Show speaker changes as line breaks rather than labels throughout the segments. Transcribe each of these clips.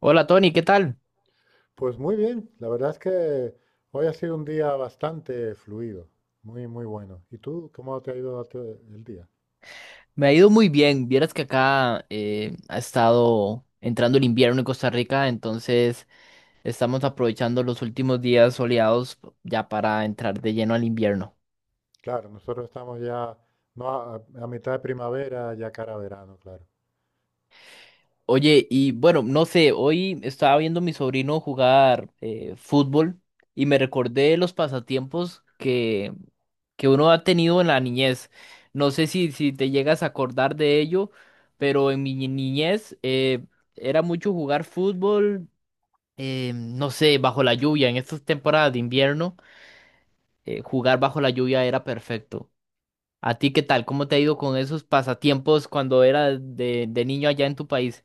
Hola Tony, ¿qué tal?
Pues muy bien, la verdad es que hoy ha sido un día bastante fluido, muy, muy bueno. ¿Y tú cómo te ha ido a ti el día?
Me ha ido muy bien. Vieras que acá ha estado entrando el invierno en Costa Rica, entonces estamos aprovechando los últimos días soleados ya para entrar de lleno al invierno.
Claro, nosotros estamos ya no a mitad de primavera, ya cara a verano, claro.
Oye, y bueno, no sé, hoy estaba viendo a mi sobrino jugar fútbol y me recordé los pasatiempos que uno ha tenido en la niñez. No sé si te llegas a acordar de ello, pero en mi niñez era mucho jugar fútbol no sé, bajo la lluvia. En estas temporadas de invierno, jugar bajo la lluvia era perfecto. ¿A ti qué tal? ¿Cómo te ha ido con esos pasatiempos cuando era de niño allá en tu país?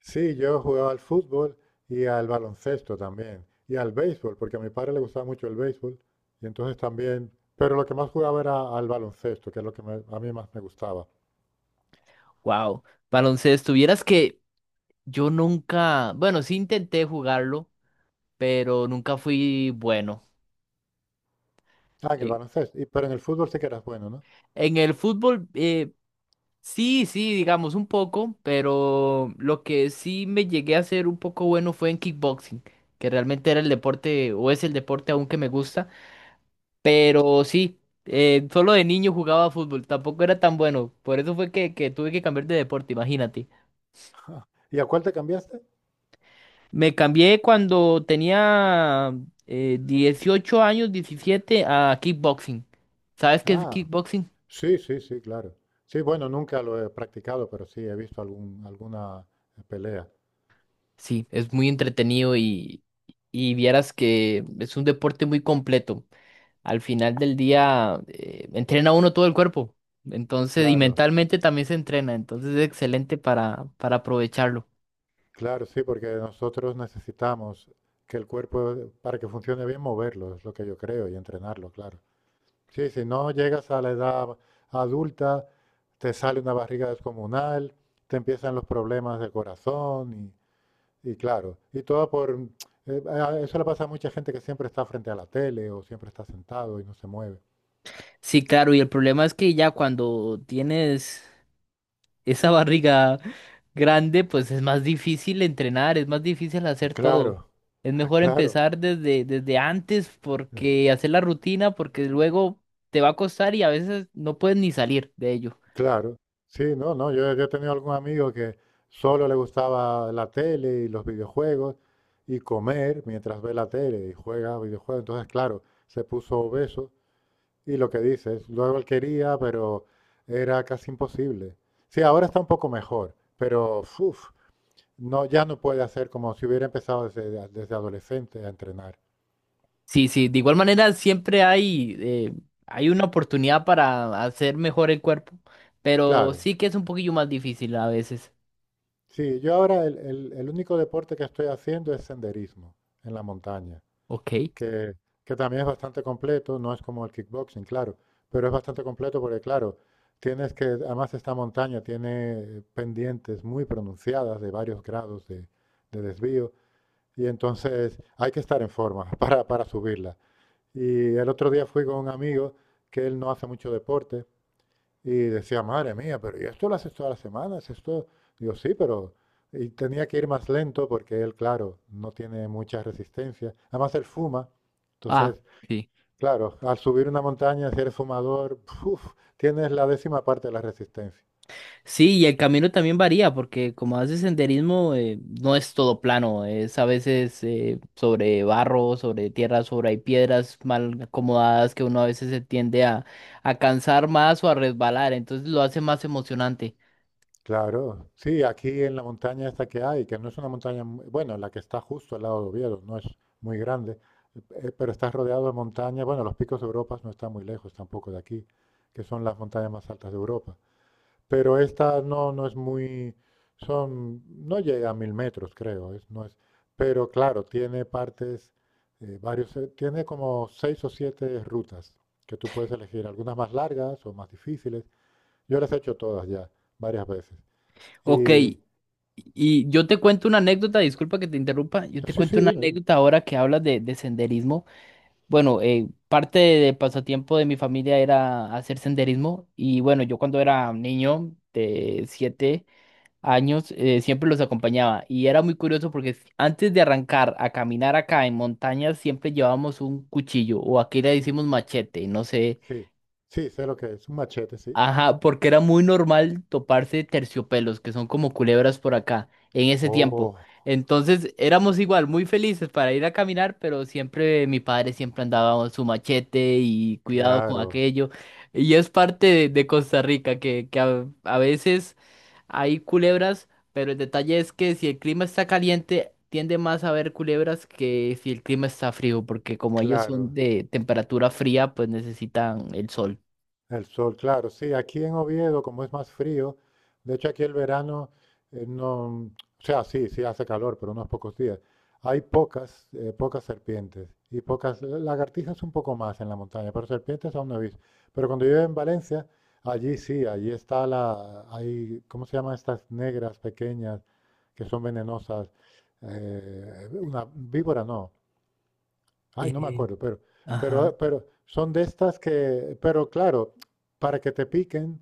Sí, yo jugaba al fútbol y al baloncesto también, y al béisbol, porque a mi padre le gustaba mucho el béisbol, y entonces también, pero lo que más jugaba era al baloncesto, que es lo que a mí más me gustaba.
Wow. Baloncesto, vieras que yo nunca, bueno, sí intenté jugarlo, pero nunca fui bueno.
Ah, en el
Eh,
baloncesto, y, pero en el fútbol sí que eras bueno, ¿no?
en el fútbol, sí, sí, digamos un poco, pero lo que sí me llegué a ser un poco bueno fue en kickboxing, que realmente era el deporte, o es el deporte aún que me gusta. Pero sí, solo de niño jugaba fútbol, tampoco era tan bueno. Por eso fue que tuve que cambiar de deporte, imagínate.
¿Y a cuál te cambiaste?
Me cambié cuando tenía 18 años, 17 a kickboxing. ¿Sabes qué es
Ah.
kickboxing?
Sí, sí, sí, claro. Sí, bueno, nunca lo he practicado, pero sí he visto algún, alguna pelea.
Sí, es muy entretenido y vieras que es un deporte muy completo. Al final del día, entrena uno todo el cuerpo. Entonces, y
Claro,
mentalmente también se entrena. Entonces es excelente para aprovecharlo.
claro, sí, porque nosotros necesitamos que el cuerpo, para que funcione bien, moverlo, es lo que yo creo, y entrenarlo, claro. Sí, si no llegas a la edad adulta, te sale una barriga descomunal, te empiezan los problemas del corazón y claro, y todo por... eso le pasa a mucha gente que siempre está frente a la tele o siempre está sentado y no se mueve.
Sí, claro, y el problema es que ya cuando tienes esa barriga grande, pues es más difícil entrenar, es más difícil hacer
Claro.
todo. Es mejor
Claro.
empezar desde antes
Eh,
porque hacer la rutina, porque luego te va a costar y a veces no puedes ni salir de ello.
Claro, sí, no, no, yo he tenido algún amigo que solo le gustaba la tele y los videojuegos y comer mientras ve la tele y juega videojuegos, entonces claro, se puso obeso y lo que dices, luego él quería, pero era casi imposible. Sí, ahora está un poco mejor, pero uf, no, ya no puede hacer como si hubiera empezado desde adolescente a entrenar.
Sí, sí, de igual manera siempre hay, hay una oportunidad para hacer mejor el cuerpo, pero
Claro,
sí que es un poquillo más difícil a veces.
sí, yo ahora el único deporte que estoy haciendo es senderismo en la montaña.
Ok.
que, que también es bastante completo, no es como el kickboxing, claro, pero es bastante completo porque, claro, tienes que, además esta montaña tiene pendientes muy pronunciadas de varios grados de desvío y entonces hay que estar en forma para subirla. Y el otro día fui con un amigo que él no hace mucho deporte y decía, madre mía, pero ¿y esto lo haces todas las semanas? Esto, digo, sí, pero... Y tenía que ir más lento porque él, claro, no tiene mucha resistencia. Además, él fuma,
Ah,
entonces...
sí.
Claro, al subir una montaña, si eres fumador, ¡puf!, tienes la décima parte de la resistencia.
Sí, y el camino también varía, porque como haces senderismo, no es todo plano, es a veces sobre barro, sobre tierra, sobre hay piedras mal acomodadas que uno a veces se tiende a cansar más o a resbalar, entonces lo hace más emocionante.
Claro, sí, aquí en la montaña esta que hay, que no es una montaña, bueno, la que está justo al lado de Oviedo, no es muy grande, pero está rodeado de montañas, bueno, los picos de Europa no están muy lejos tampoco de aquí, que son las montañas más altas de Europa. Pero esta no, no es muy, son, no llega a 1000 metros, creo, es, no es, pero claro, tiene partes, varios, tiene como seis o siete rutas que tú puedes elegir, algunas más largas o más difíciles. Yo las he hecho todas ya, varias veces.
Ok,
Y,
y yo te cuento una anécdota, disculpa que te interrumpa, yo te
sí, sí,
cuento una
dime, dime.
anécdota ahora que hablas de senderismo. Bueno, parte del pasatiempo de mi familia era hacer senderismo, y bueno, yo cuando era niño de 7 años, siempre los acompañaba. Y era muy curioso porque antes de arrancar a caminar acá en montañas, siempre llevábamos un cuchillo o aquí le decimos machete, no sé.
Sí, sí, sé lo que es, un machete, sí.
Ajá, porque era muy normal toparse terciopelos, que son como culebras por acá, en ese tiempo.
Oh,
Entonces éramos igual, muy felices para ir a caminar, pero siempre mi padre siempre andaba con su machete y cuidado con
claro,
aquello. Y es parte de Costa Rica, que a veces hay culebras, pero el detalle es que si el clima está caliente, tiende más a haber culebras que si el clima está frío, porque como ellos son
claro.
de temperatura fría, pues necesitan el sol.
El sol, claro, sí, aquí en Oviedo, como es más frío, de hecho aquí el verano no, o sea, sí, sí hace calor, pero unos pocos días. Hay pocas serpientes y pocas, lagartijas un poco más en la montaña, pero serpientes aún no he visto. Pero cuando yo iba en Valencia, allí sí, allí está la, hay, ¿cómo se llaman estas negras pequeñas que son venenosas? Una víbora no, ay, no me
Eh,
acuerdo, pero,
ajá.
pero, pero son de estas que, pero claro, para que te piquen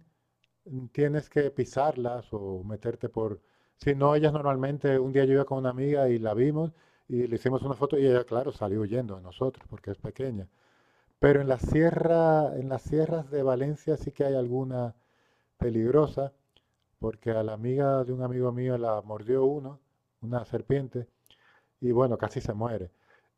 tienes que pisarlas o meterte por... Si no, ellas normalmente, un día yo iba con una amiga y la vimos y le hicimos una foto y ella, claro, salió huyendo de nosotros porque es pequeña. Pero en la sierra, en las sierras de Valencia sí que hay alguna peligrosa, porque a la amiga de un amigo mío la mordió uno, una serpiente, y bueno, casi se muere.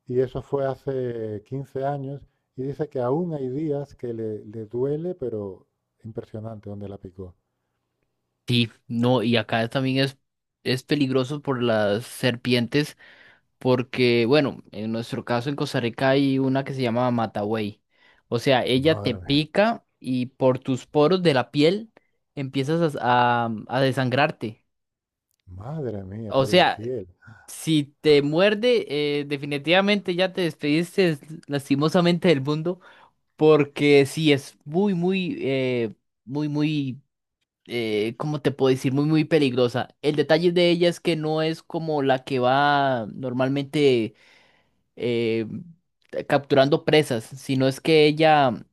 Y eso fue hace 15 años y dice que aún hay días que le duele, pero impresionante donde la picó.
Sí, no, y acá también es peligroso por las serpientes, porque, bueno, en nuestro caso en Costa Rica hay una que se llama matabuey. O sea, ella te
Madre mía,
pica y por tus poros de la piel empiezas a, a desangrarte.
madre mía,
O
por la
sea,
piel.
si te muerde, definitivamente ya te despediste lastimosamente del mundo, porque sí es muy, muy, muy, muy ¿cómo te puedo decir? Muy, muy peligrosa. El detalle de ella es que no es como la que va normalmente eh, capturando presas, sino es que ella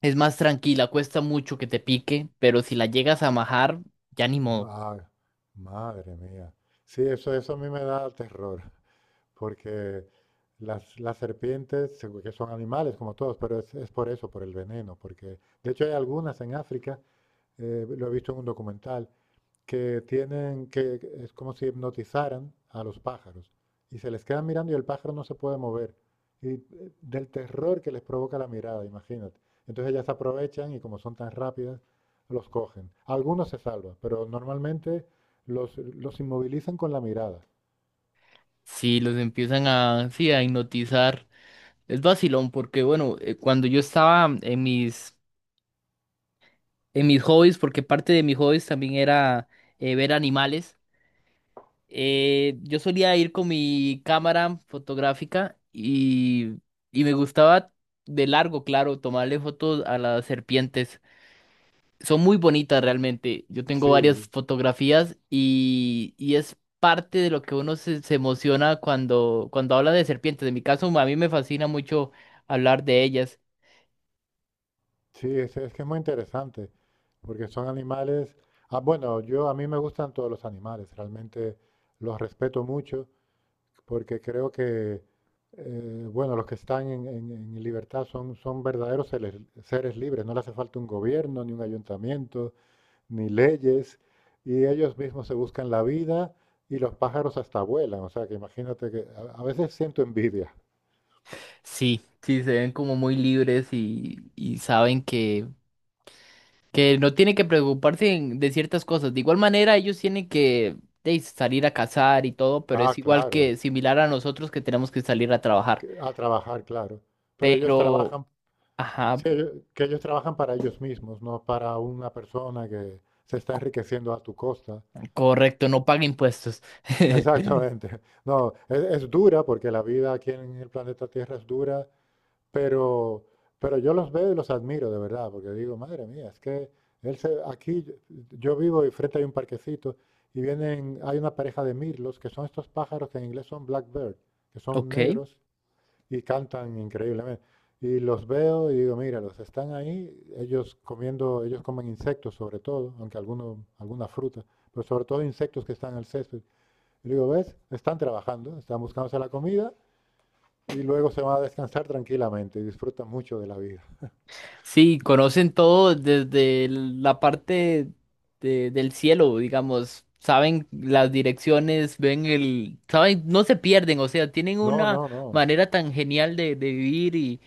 es más tranquila, cuesta mucho que te pique, pero si la llegas a majar, ya ni modo.
Ma- Madre mía. Sí, eso a mí me da terror, porque las serpientes, seguro que son animales como todos, pero es por eso, por el veneno, porque de hecho hay algunas en África, lo he visto en un documental, que tienen que es como si hipnotizaran a los pájaros y se les quedan mirando y el pájaro no se puede mover y del terror que les provoca la mirada, imagínate. Entonces ellas aprovechan y como son tan rápidas los cogen. Algunos se salvan, pero normalmente los inmovilizan con la mirada.
Si los empiezan a, sí, a hipnotizar, es vacilón, porque bueno, cuando yo estaba en mis hobbies, porque parte de mis hobbies también era ver animales. Yo solía ir con mi cámara fotográfica y me gustaba de largo, claro, tomarle fotos a las serpientes. Son muy bonitas realmente. Yo tengo varias
Sí,
fotografías y es parte de lo que uno se emociona cuando habla de serpientes. En mi caso, a mí me fascina mucho hablar de ellas.
sí, es que es muy interesante porque son animales. Ah, bueno, yo a mí me gustan todos los animales, realmente los respeto mucho porque creo que... bueno, los que están en, en libertad son, verdaderos seres, seres libres. No le hace falta un gobierno, ni un ayuntamiento, ni leyes. Y ellos mismos se buscan la vida y los pájaros hasta vuelan. O sea, que imagínate que a veces siento envidia.
Sí, sí, se ven como muy libres y saben que no tiene que preocuparse de ciertas cosas. De igual manera, ellos tienen que de, salir a cazar y todo, pero
Ah,
es igual
claro,
que similar a nosotros que tenemos que salir a trabajar.
a trabajar, claro. Pero ellos
Pero,
trabajan,
ajá,
sí, que ellos trabajan para ellos mismos, no para una persona que se está
co-
enriqueciendo a tu costa.
correcto, no paga impuestos.
Exactamente. No, es dura porque la vida aquí en el planeta Tierra es dura. Pero, pero yo los veo y los admiro de verdad, porque digo, madre mía, es que aquí yo vivo y frente hay un parquecito y vienen, hay una pareja de mirlos, que son estos pájaros que en inglés son blackbird, que son
Ok,
negros y cantan increíblemente. Y los veo y digo, míralos, están ahí, ellos comiendo, ellos comen insectos sobre todo, aunque algunos, alguna fruta, pero sobre todo insectos que están en el césped. Y digo, ¿ves? Están trabajando, están buscándose la comida y luego se van a descansar tranquilamente y disfrutan mucho de la vida.
sí, conocen todo desde la parte del cielo, digamos. Saben las direcciones, ven el, saben, no se pierden, o sea, tienen
No,
una
no, no.
manera tan genial de vivir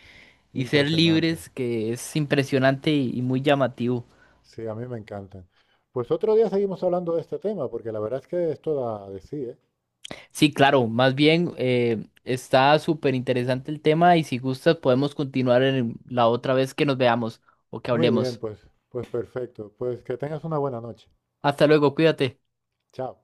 y ser
Impresionante.
libres, que es impresionante y muy llamativo.
Sí, a mí me encantan. Pues otro día seguimos hablando de este tema, porque la verdad es que esto da de sí, ¿eh?
Sí, claro, más bien está súper interesante el tema y si gustas podemos continuar en la otra vez que nos veamos o que
Muy bien,
hablemos.
pues perfecto. Pues que tengas una buena noche.
Hasta luego, cuídate.
Chao.